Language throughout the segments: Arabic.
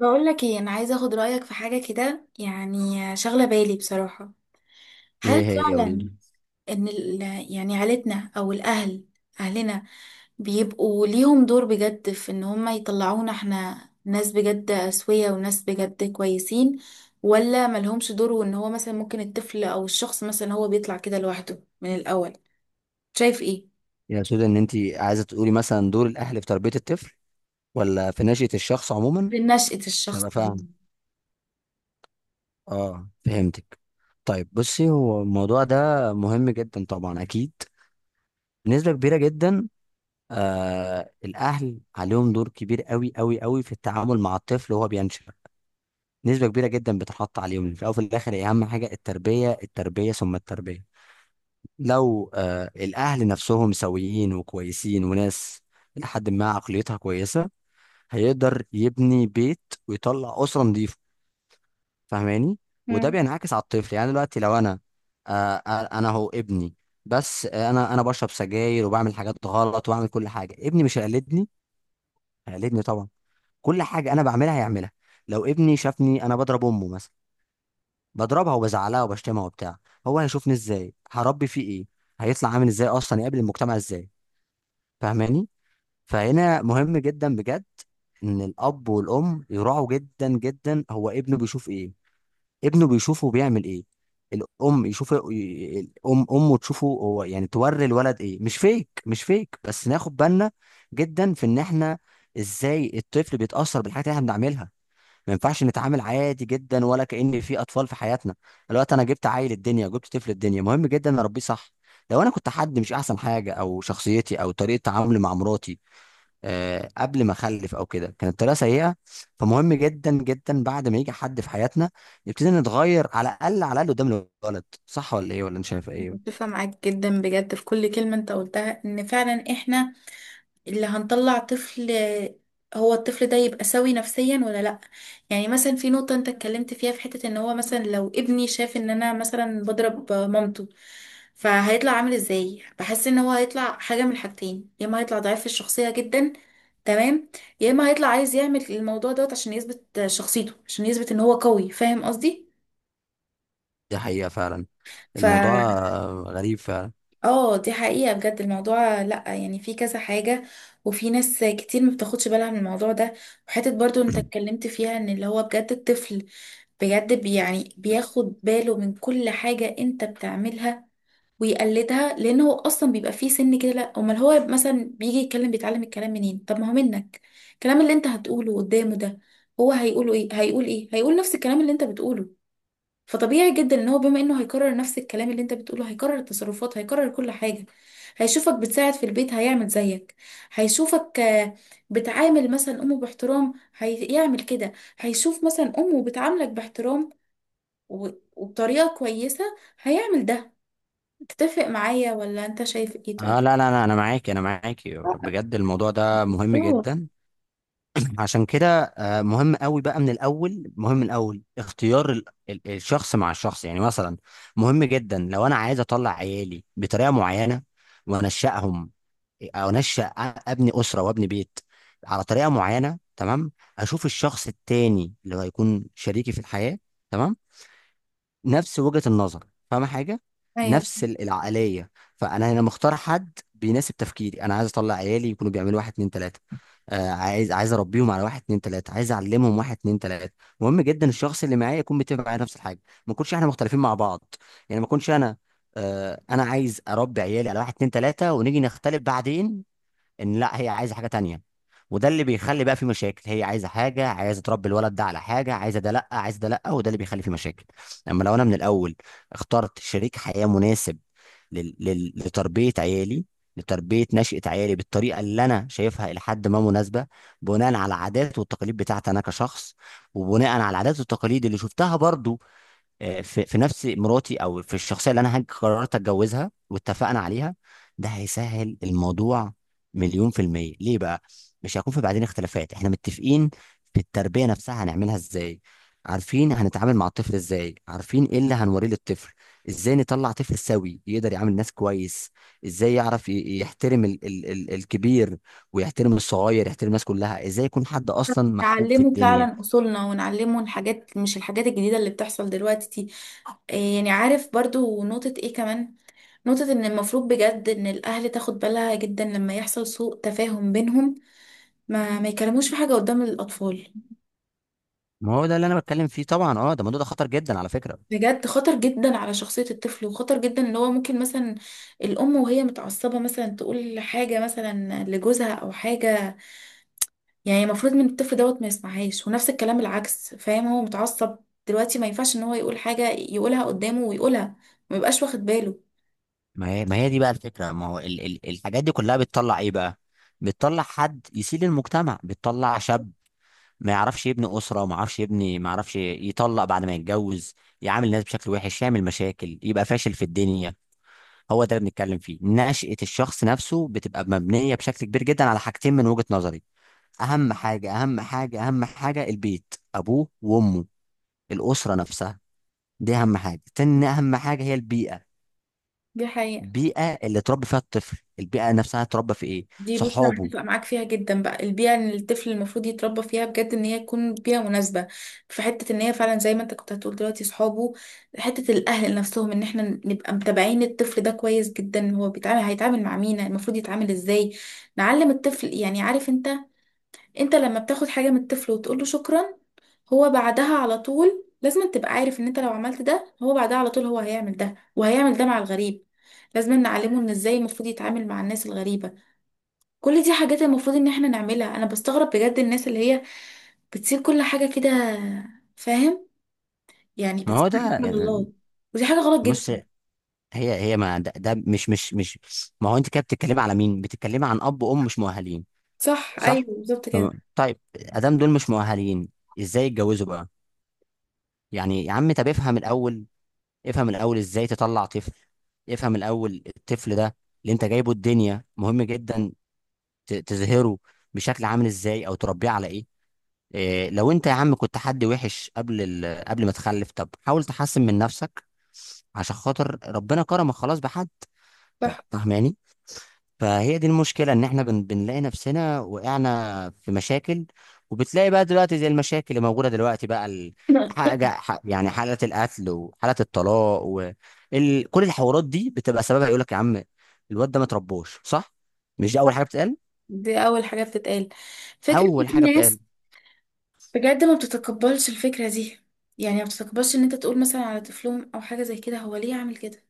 بقول لك ايه، انا عايزه اخد رايك في حاجه كده، يعني شغله بالي بصراحه. ايه هل هي؟ فعلا قوليلي، ان ال- يعني عيلتنا او الاهل، اهلنا بيبقوا ليهم دور بجد في ان هم يطلعونا احنا ناس بجد اسويه وناس بجد كويسين، ولا ملهمش دور وان هو مثلا ممكن الطفل او الشخص مثلا هو بيطلع كده لوحده من الاول؟ شايف ايه؟ يا سودا، ان انت عايزه تقولي مثلا دور الاهل في تربيه الطفل، ولا في نشأة الشخص عموما؟ في نشأة عشان الشخص. ابقى فاهم. اه، فهمتك. طيب، بصي، هو الموضوع ده مهم جدا طبعا، اكيد، بنسبه كبيره جدا. الاهل عليهم دور كبير قوي قوي قوي في التعامل مع الطفل وهو بينشأ. نسبه كبيره جدا بتحط عليهم. في الاول وفي الاخر هي اهم حاجه: التربيه، التربيه، ثم التربيه. لو الاهل نفسهم سويين وكويسين وناس، لحد ما عقليتها كويسه، هيقدر يبني بيت ويطلع اسره نظيفه. فاهماني؟ وده مم. بينعكس على الطفل. يعني دلوقتي لو انا آه آه، انا هو ابني، بس انا بشرب سجاير وبعمل حاجات غلط وبعمل كل حاجه، ابني مش هيقلدني؟ هيقلدني طبعا. كل حاجه انا بعملها هيعملها. لو ابني شافني انا بضرب امه مثلا، بضربها وبزعلها وبشتمها وبتاع، هو هيشوفني ازاي؟ هربي فيه ايه؟ هيطلع عامل ازاي؟ اصلا يقابل المجتمع ازاي؟ فاهماني؟ فهنا مهم جدا بجد ان الاب والام يراعوا جدا جدا هو ابنه بيشوف ايه، ابنه بيشوفه بيعمل ايه. الام يشوف، الام امه تشوفه هو، يعني توري الولد ايه، مش فيك مش فيك، بس ناخد بالنا جدا في ان احنا ازاي الطفل بيتاثر بالحاجات اللي احنا بنعملها. ما ينفعش نتعامل عادي جدا ولا كأن في اطفال في حياتنا. دلوقتي انا جبت عيل الدنيا، جبت طفل الدنيا، مهم جدا اربيه صح. لو انا كنت حد مش احسن حاجه، او شخصيتي او طريقه تعاملي مع مراتي قبل ما اخلف او كده كانت طريقه سيئه، فمهم جدا جدا بعد ما يجي حد في حياتنا نبتدي نتغير، على الاقل على الاقل قدام الولد. صح ولا ايه؟ ولا انت شايف ايه؟ متفقة معاك جدا بجد في كل كلمة انت قلتها، ان فعلا احنا اللي هنطلع طفل، هو الطفل ده يبقى سوي نفسيا ولا لا. يعني مثلا في نقطة انت اتكلمت فيها، في حتة ان هو مثلا لو ابني شاف ان انا مثلا بضرب مامته، فهيطلع عامل ازاي؟ بحس ان هو هيطلع حاجة من الحاجتين، يا اما هيطلع ضعيف في الشخصية جدا، تمام، يا اما هيطلع عايز يعمل الموضوع دوت عشان يثبت شخصيته، عشان يثبت ان هو قوي، فاهم قصدي؟ دي حقيقه فعلا. ف الموضوع غريب فعلا. اه، دي حقيقة بجد، الموضوع لأ، يعني في كذا حاجة، وفي ناس كتير ما بتاخدش بالها من الموضوع ده. وحتة برضو انت اتكلمت فيها ان اللي هو بجد الطفل بجد، يعني بياخد باله من كل حاجة انت بتعملها ويقلدها، لان هو اصلا بيبقى فيه سن كده، لأ امال هو مثلا بيجي يتكلم، بيتعلم الكلام منين؟ طب ما هو منك. الكلام اللي انت هتقوله قدامه ده، هو هيقوله ايه؟ هيقول ايه؟ هيقول نفس الكلام اللي انت بتقوله. فطبيعي جدا ان هو بما انه هيكرر نفس الكلام اللي انت بتقوله، هيكرر التصرفات، هيكرر كل حاجة. هيشوفك بتساعد في البيت هيعمل زيك. هيشوفك آه، بتعامل مثلا امه باحترام، هيعمل كده. هيشوف مثلا امه بتعاملك باحترام و- وبطريقة كويسة، هيعمل ده. تتفق معايا ولا انت شايف ايه؟ اه، طيب. لا لا لا، انا معاكي، انا معاكي بجد. الموضوع ده مهم اه، جدا. عشان كده مهم قوي بقى، من الاول، مهم من الاول، اختيار الشخص مع الشخص، يعني مثلا، مهم جدا لو انا عايز اطلع عيالي بطريقه معينه وانشأهم، او انشأ، ابني اسره وابني بيت على طريقه معينه، تمام. اشوف الشخص التاني اللي هو هيكون شريكي في الحياه، تمام، نفس وجهه النظر، فاهمه حاجه، ايوه، نفس العقليه. فانا هنا مختار حد بيناسب تفكيري، انا عايز اطلع عيالي يكونوا بيعملوا واحد اتنين تلاته، عايز اربيهم على واحد اتنين تلاته، عايز اعلمهم واحد اتنين تلاته. مهم جدا الشخص اللي معايا يكون متفق معايا نفس الحاجه، ما نكونش احنا مختلفين مع بعض. يعني ما اكونش انا عايز اربي عيالي على واحد اتنين تلاته ونيجي نختلف بعدين، ان لا هي عايزه حاجه تانية، وده اللي بيخلي بقى في مشاكل. هي عايزه حاجه، عايزه تربي الولد ده على حاجه، عايزه ده لا، عايزه ده لا. وده اللي بيخلي في مشاكل. اما لو انا من الاول اخترت شريك حياه مناسب لتربيه عيالي، لتربيه نشأة عيالي بالطريقه اللي انا شايفها الى حد ما مناسبه، بناء على العادات والتقاليد بتاعتي انا كشخص، وبناء على العادات والتقاليد اللي شفتها برضو، في نفس مراتي او في الشخصيه اللي انا قررت اتجوزها واتفقنا عليها، ده هيسهل الموضوع مليون في المية. ليه بقى؟ مش هيكون في بعدين اختلافات، احنا متفقين في التربية نفسها هنعملها ازاي. عارفين هنتعامل مع الطفل ازاي، عارفين ايه اللي هنوريه للطفل، ازاي نطلع طفل سوي يقدر يعامل الناس كويس، ازاي يعرف يحترم ال ال ال الكبير، ويحترم الصغير، يحترم الناس كلها، ازاي يكون حد اصلا محبوب في نعلمه الدنيا. فعلا اصولنا ونعلمه الحاجات، مش الحاجات الجديدة اللي بتحصل دلوقتي دي. آه، يعني عارف برضو نقطة ايه كمان؟ نقطة إن المفروض بجد إن الأهل تاخد بالها جدا لما يحصل سوء تفاهم بينهم، ما ما يكلموش في حاجة قدام الأطفال. ما هو ده اللي انا بتكلم فيه طبعا. اه، ده الموضوع ده خطر جدا على فكرة. بجد خطر جدا على شخصية الطفل، وخطر جدا إن هو ممكن مثلا الأم وهي متعصبة مثلا تقول حاجة مثلا لجوزها أو حاجة، يعني المفروض من الطفل دوت ما يسمعهاش، ونفس الكلام العكس، فاهم، هو متعصب دلوقتي، ما ينفعش إن هو يقول حاجة يقولها قدامه ويقولها، ما يبقاش واخد باله. ما هي دي بقى الفكرة، ما هو ال ال الحاجات دي كلها بتطلع ايه بقى؟ بتطلع حد يسيل المجتمع، بتطلع شاب ما يعرفش يبني أسرة، ما يعرفش يبني، ما يعرفش يطلق بعد ما يتجوز، يعامل الناس بشكل وحش، يعمل مشاكل، يبقى فاشل في الدنيا. هو ده اللي بنتكلم فيه. نشأة الشخص نفسه بتبقى مبنية بشكل كبير جدا على حاجتين من وجهة نظري. أهم حاجة، أهم حاجة، أهم حاجة: البيت، أبوه وأمه، الأسرة نفسها. دي أهم حاجة. تاني أهم حاجة هي البيئة، دي حقيقة. البيئه اللي اتربى فيها الطفل، البيئه نفسها اتربى في ايه، دي بص، انا صحابه. متفقه معاك فيها جدا بقى، البيئه اللي الطفل المفروض يتربى فيها بجد ان هي تكون بيئه مناسبه، في حته ان هي فعلا زي ما انت كنت هتقول دلوقتي صحابه، حته الاهل نفسهم، ان احنا نبقى متابعين الطفل ده كويس جدا، هو بيتعامل هيتعامل مع مين؟ المفروض يتعامل ازاي؟ نعلم الطفل، يعني عارف انت، انت لما بتاخد حاجه من الطفل وتقول له شكرا، هو بعدها على طول لازم تبقى عارف ان انت لو عملت ده، هو بعدها على طول هو هيعمل ده وهيعمل ده مع الغريب. لازم نعلمه ان ازاي المفروض يتعامل مع الناس الغريبه. كل دي حاجات المفروض ان احنا نعملها. انا بستغرب بجد الناس اللي هي بتسيب كل حاجة كده، فاهم؟ يعني ما بتسيب هو ده حاجة من الله، ودي حاجة غلط بص، جدا. هي ما ده مش، ما هو انت كده بتتكلمي على مين، بتتكلمي عن اب وام مش مؤهلين. صح، ايوه صح. بالظبط كده. تمام. طيب، ادام دول مش مؤهلين ازاي يتجوزوا بقى؟ يعني يا عم، طب افهم الاول، افهم الاول ازاي تطلع طفل، افهم الاول الطفل ده اللي انت جايبه الدنيا مهم جدا تظهره بشكل عامل ازاي، او تربيه على ايه. إيه، لو انت يا عم كنت حد وحش قبل ما تخلف، طب حاول تحسن من نفسك عشان خاطر ربنا كرمك خلاص بحد. صح. فاهماني؟ فهي دي المشكلة ان احنا بنلاقي نفسنا وقعنا في مشاكل، وبتلاقي بقى دلوقتي زي المشاكل اللي موجودة دلوقتي بقى يعني حالة القتل وحالة الطلاق كل الحوارات دي بتبقى سببها. يقول لك يا عم، الواد ده ما تربوش صح؟ مش دي اول حاجة بتتقال؟ دي اول حاجة بتتقال. فكرة ان اول في حاجة بتتقال. ناس بجد ما بتتقبلش الفكرة دي، يعني ما بتتقبلش ان انت تقول مثلا على طفلهم او حاجة زي كده، هو ليه عامل كده؟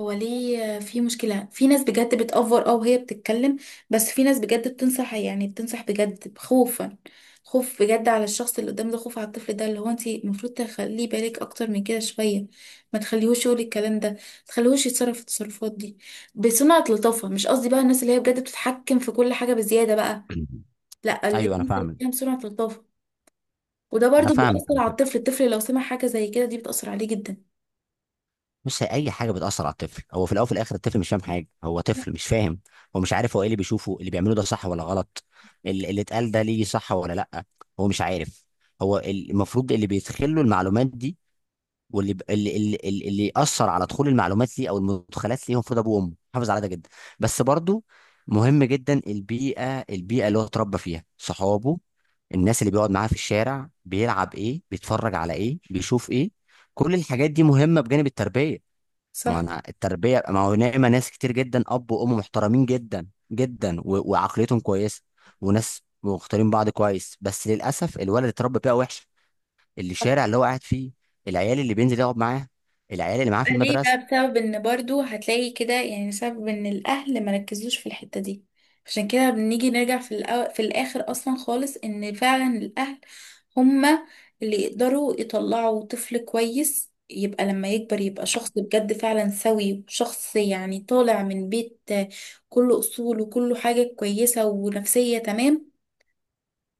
هو ليه في مشكلة؟ في ناس بجد بتأفور اه وهي بتتكلم، بس في ناس بجد بتنصح، يعني بتنصح بجد خوفا، خوف بجد على الشخص اللي قدام ده، خوف على الطفل ده، اللي هو انت المفروض تخليه بالك اكتر من كده شوية، ما تخليهوش يقول الكلام ده، ما تخليهوش يتصرف التصرفات دي. بصنعة لطافة، مش قصدي بقى الناس اللي هي بجد بتتحكم في كل حاجة بزيادة بقى، لا، اللي هي ايوه، انا الناس اللي فاهمك، فيها بصنعة لطافة. وده انا برضو فاهمك بيأثر على على فكرة. الطفل، الطفل لو سمع حاجة زي كده، دي بتأثر عليه جدا. بص، هي اي حاجه بتاثر على الطفل، هو في الاول وفي الاخر الطفل مش فاهم حاجه، هو طفل مش فاهم. هو مش عارف هو ايه اللي بيشوفه، اللي بيعمله ده صح ولا غلط، اللي اتقال ده ليه صح ولا لا، هو مش عارف. هو المفروض اللي بيدخل له المعلومات دي، واللي اللي ياثر على دخول المعلومات ليه او المدخلات ليه، هو المفروض ابوه وامه. حافظ على ده جدا. بس برضو مهم جدا البيئه، البيئه اللي هو اتربى فيها، صحابه، الناس اللي بيقعد معاها في الشارع، بيلعب ايه، بيتفرج على ايه، بيشوف ايه، كل الحاجات دي مهمه بجانب التربيه. ما صح. انا التربيه، ما هو نعمه ناس كتير جدا اب وام محترمين جدا جدا، و... وعقليتهم كويسه، وناس مختارين بعض كويس، بس للاسف الولد اللي اتربى بيئه وحشه، اللي الشارع اللي هو قاعد فيه، العيال اللي بينزل يقعد معاه، العيال اللي معاه في ليه المدرسه. بقى؟ بسبب ان برضو هتلاقي كده، يعني سبب ان الاهل مركزوش في الحتة دي. عشان كده بنيجي نرجع في في الاخر اصلا خالص، ان فعلا الاهل هما اللي يقدروا يطلعوا طفل كويس يبقى لما يكبر يبقى شخص بجد فعلا سوي، وشخص يعني طالع من بيت كله اصول وكله حاجة كويسة ونفسية تمام.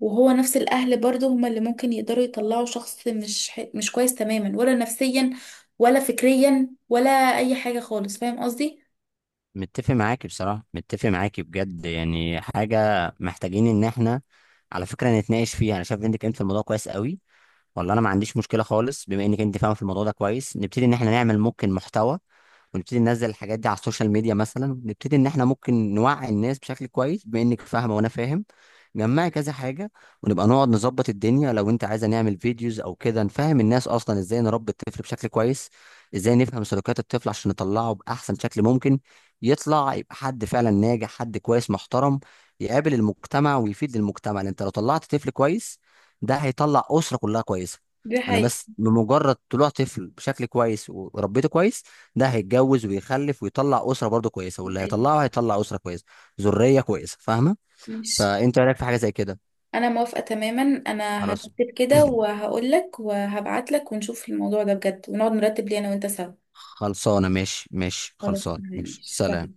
وهو نفس الأهل برضه هما اللي ممكن يقدروا يطلعوا شخص مش مش كويس تماما، ولا نفسيا ولا فكريا ولا أي حاجة خالص، فاهم قصدي؟ متفق معاكي بصراحه، متفق معاكي بجد يعني. حاجه محتاجين ان احنا على فكره نتناقش فيها. انا شايف انك انت في الموضوع كويس قوي. والله انا ما عنديش مشكله خالص. بما انك انت فاهمه في الموضوع ده كويس، نبتدي ان احنا نعمل ممكن محتوى، ونبتدي ننزل الحاجات دي على السوشيال ميديا مثلا. نبتدي ان احنا ممكن نوعي الناس بشكل كويس، بما انك فاهمه وانا فاهم، جمعي كذا حاجة، ونبقى نقعد نظبط الدنيا. لو انت عايزة نعمل فيديوز او كده، نفهم الناس اصلا ازاي نربي الطفل بشكل كويس، ازاي نفهم سلوكيات الطفل عشان نطلعه بأحسن شكل ممكن، يطلع يبقى حد فعلا ناجح، حد كويس محترم، يقابل المجتمع ويفيد المجتمع. لان انت لو طلعت طفل كويس، ده هيطلع أسرة كلها كويسة. دي انا حقيقة. بس بمجرد طلوع طفل بشكل كويس وربيته كويس، ده هيتجوز ويخلف ويطلع أسرة برضه كويسة، دي واللي حقيقة. هيطلعه هيطلع أسرة كويسة، ذرية كويسة. فاهمة؟ ماشي. فانت إيه رايك في حاجه زي كده؟ أنا موافقة تماما، أنا خلاص. هرتب كده وهقولك وهبعتلك ونشوف الموضوع ده بجد، ونقعد نرتب ليه أنا وأنت سوا. خلصانه، ماشي، ماشي، خلاص خلصانه، تمام، ماشي، سلام. ماشي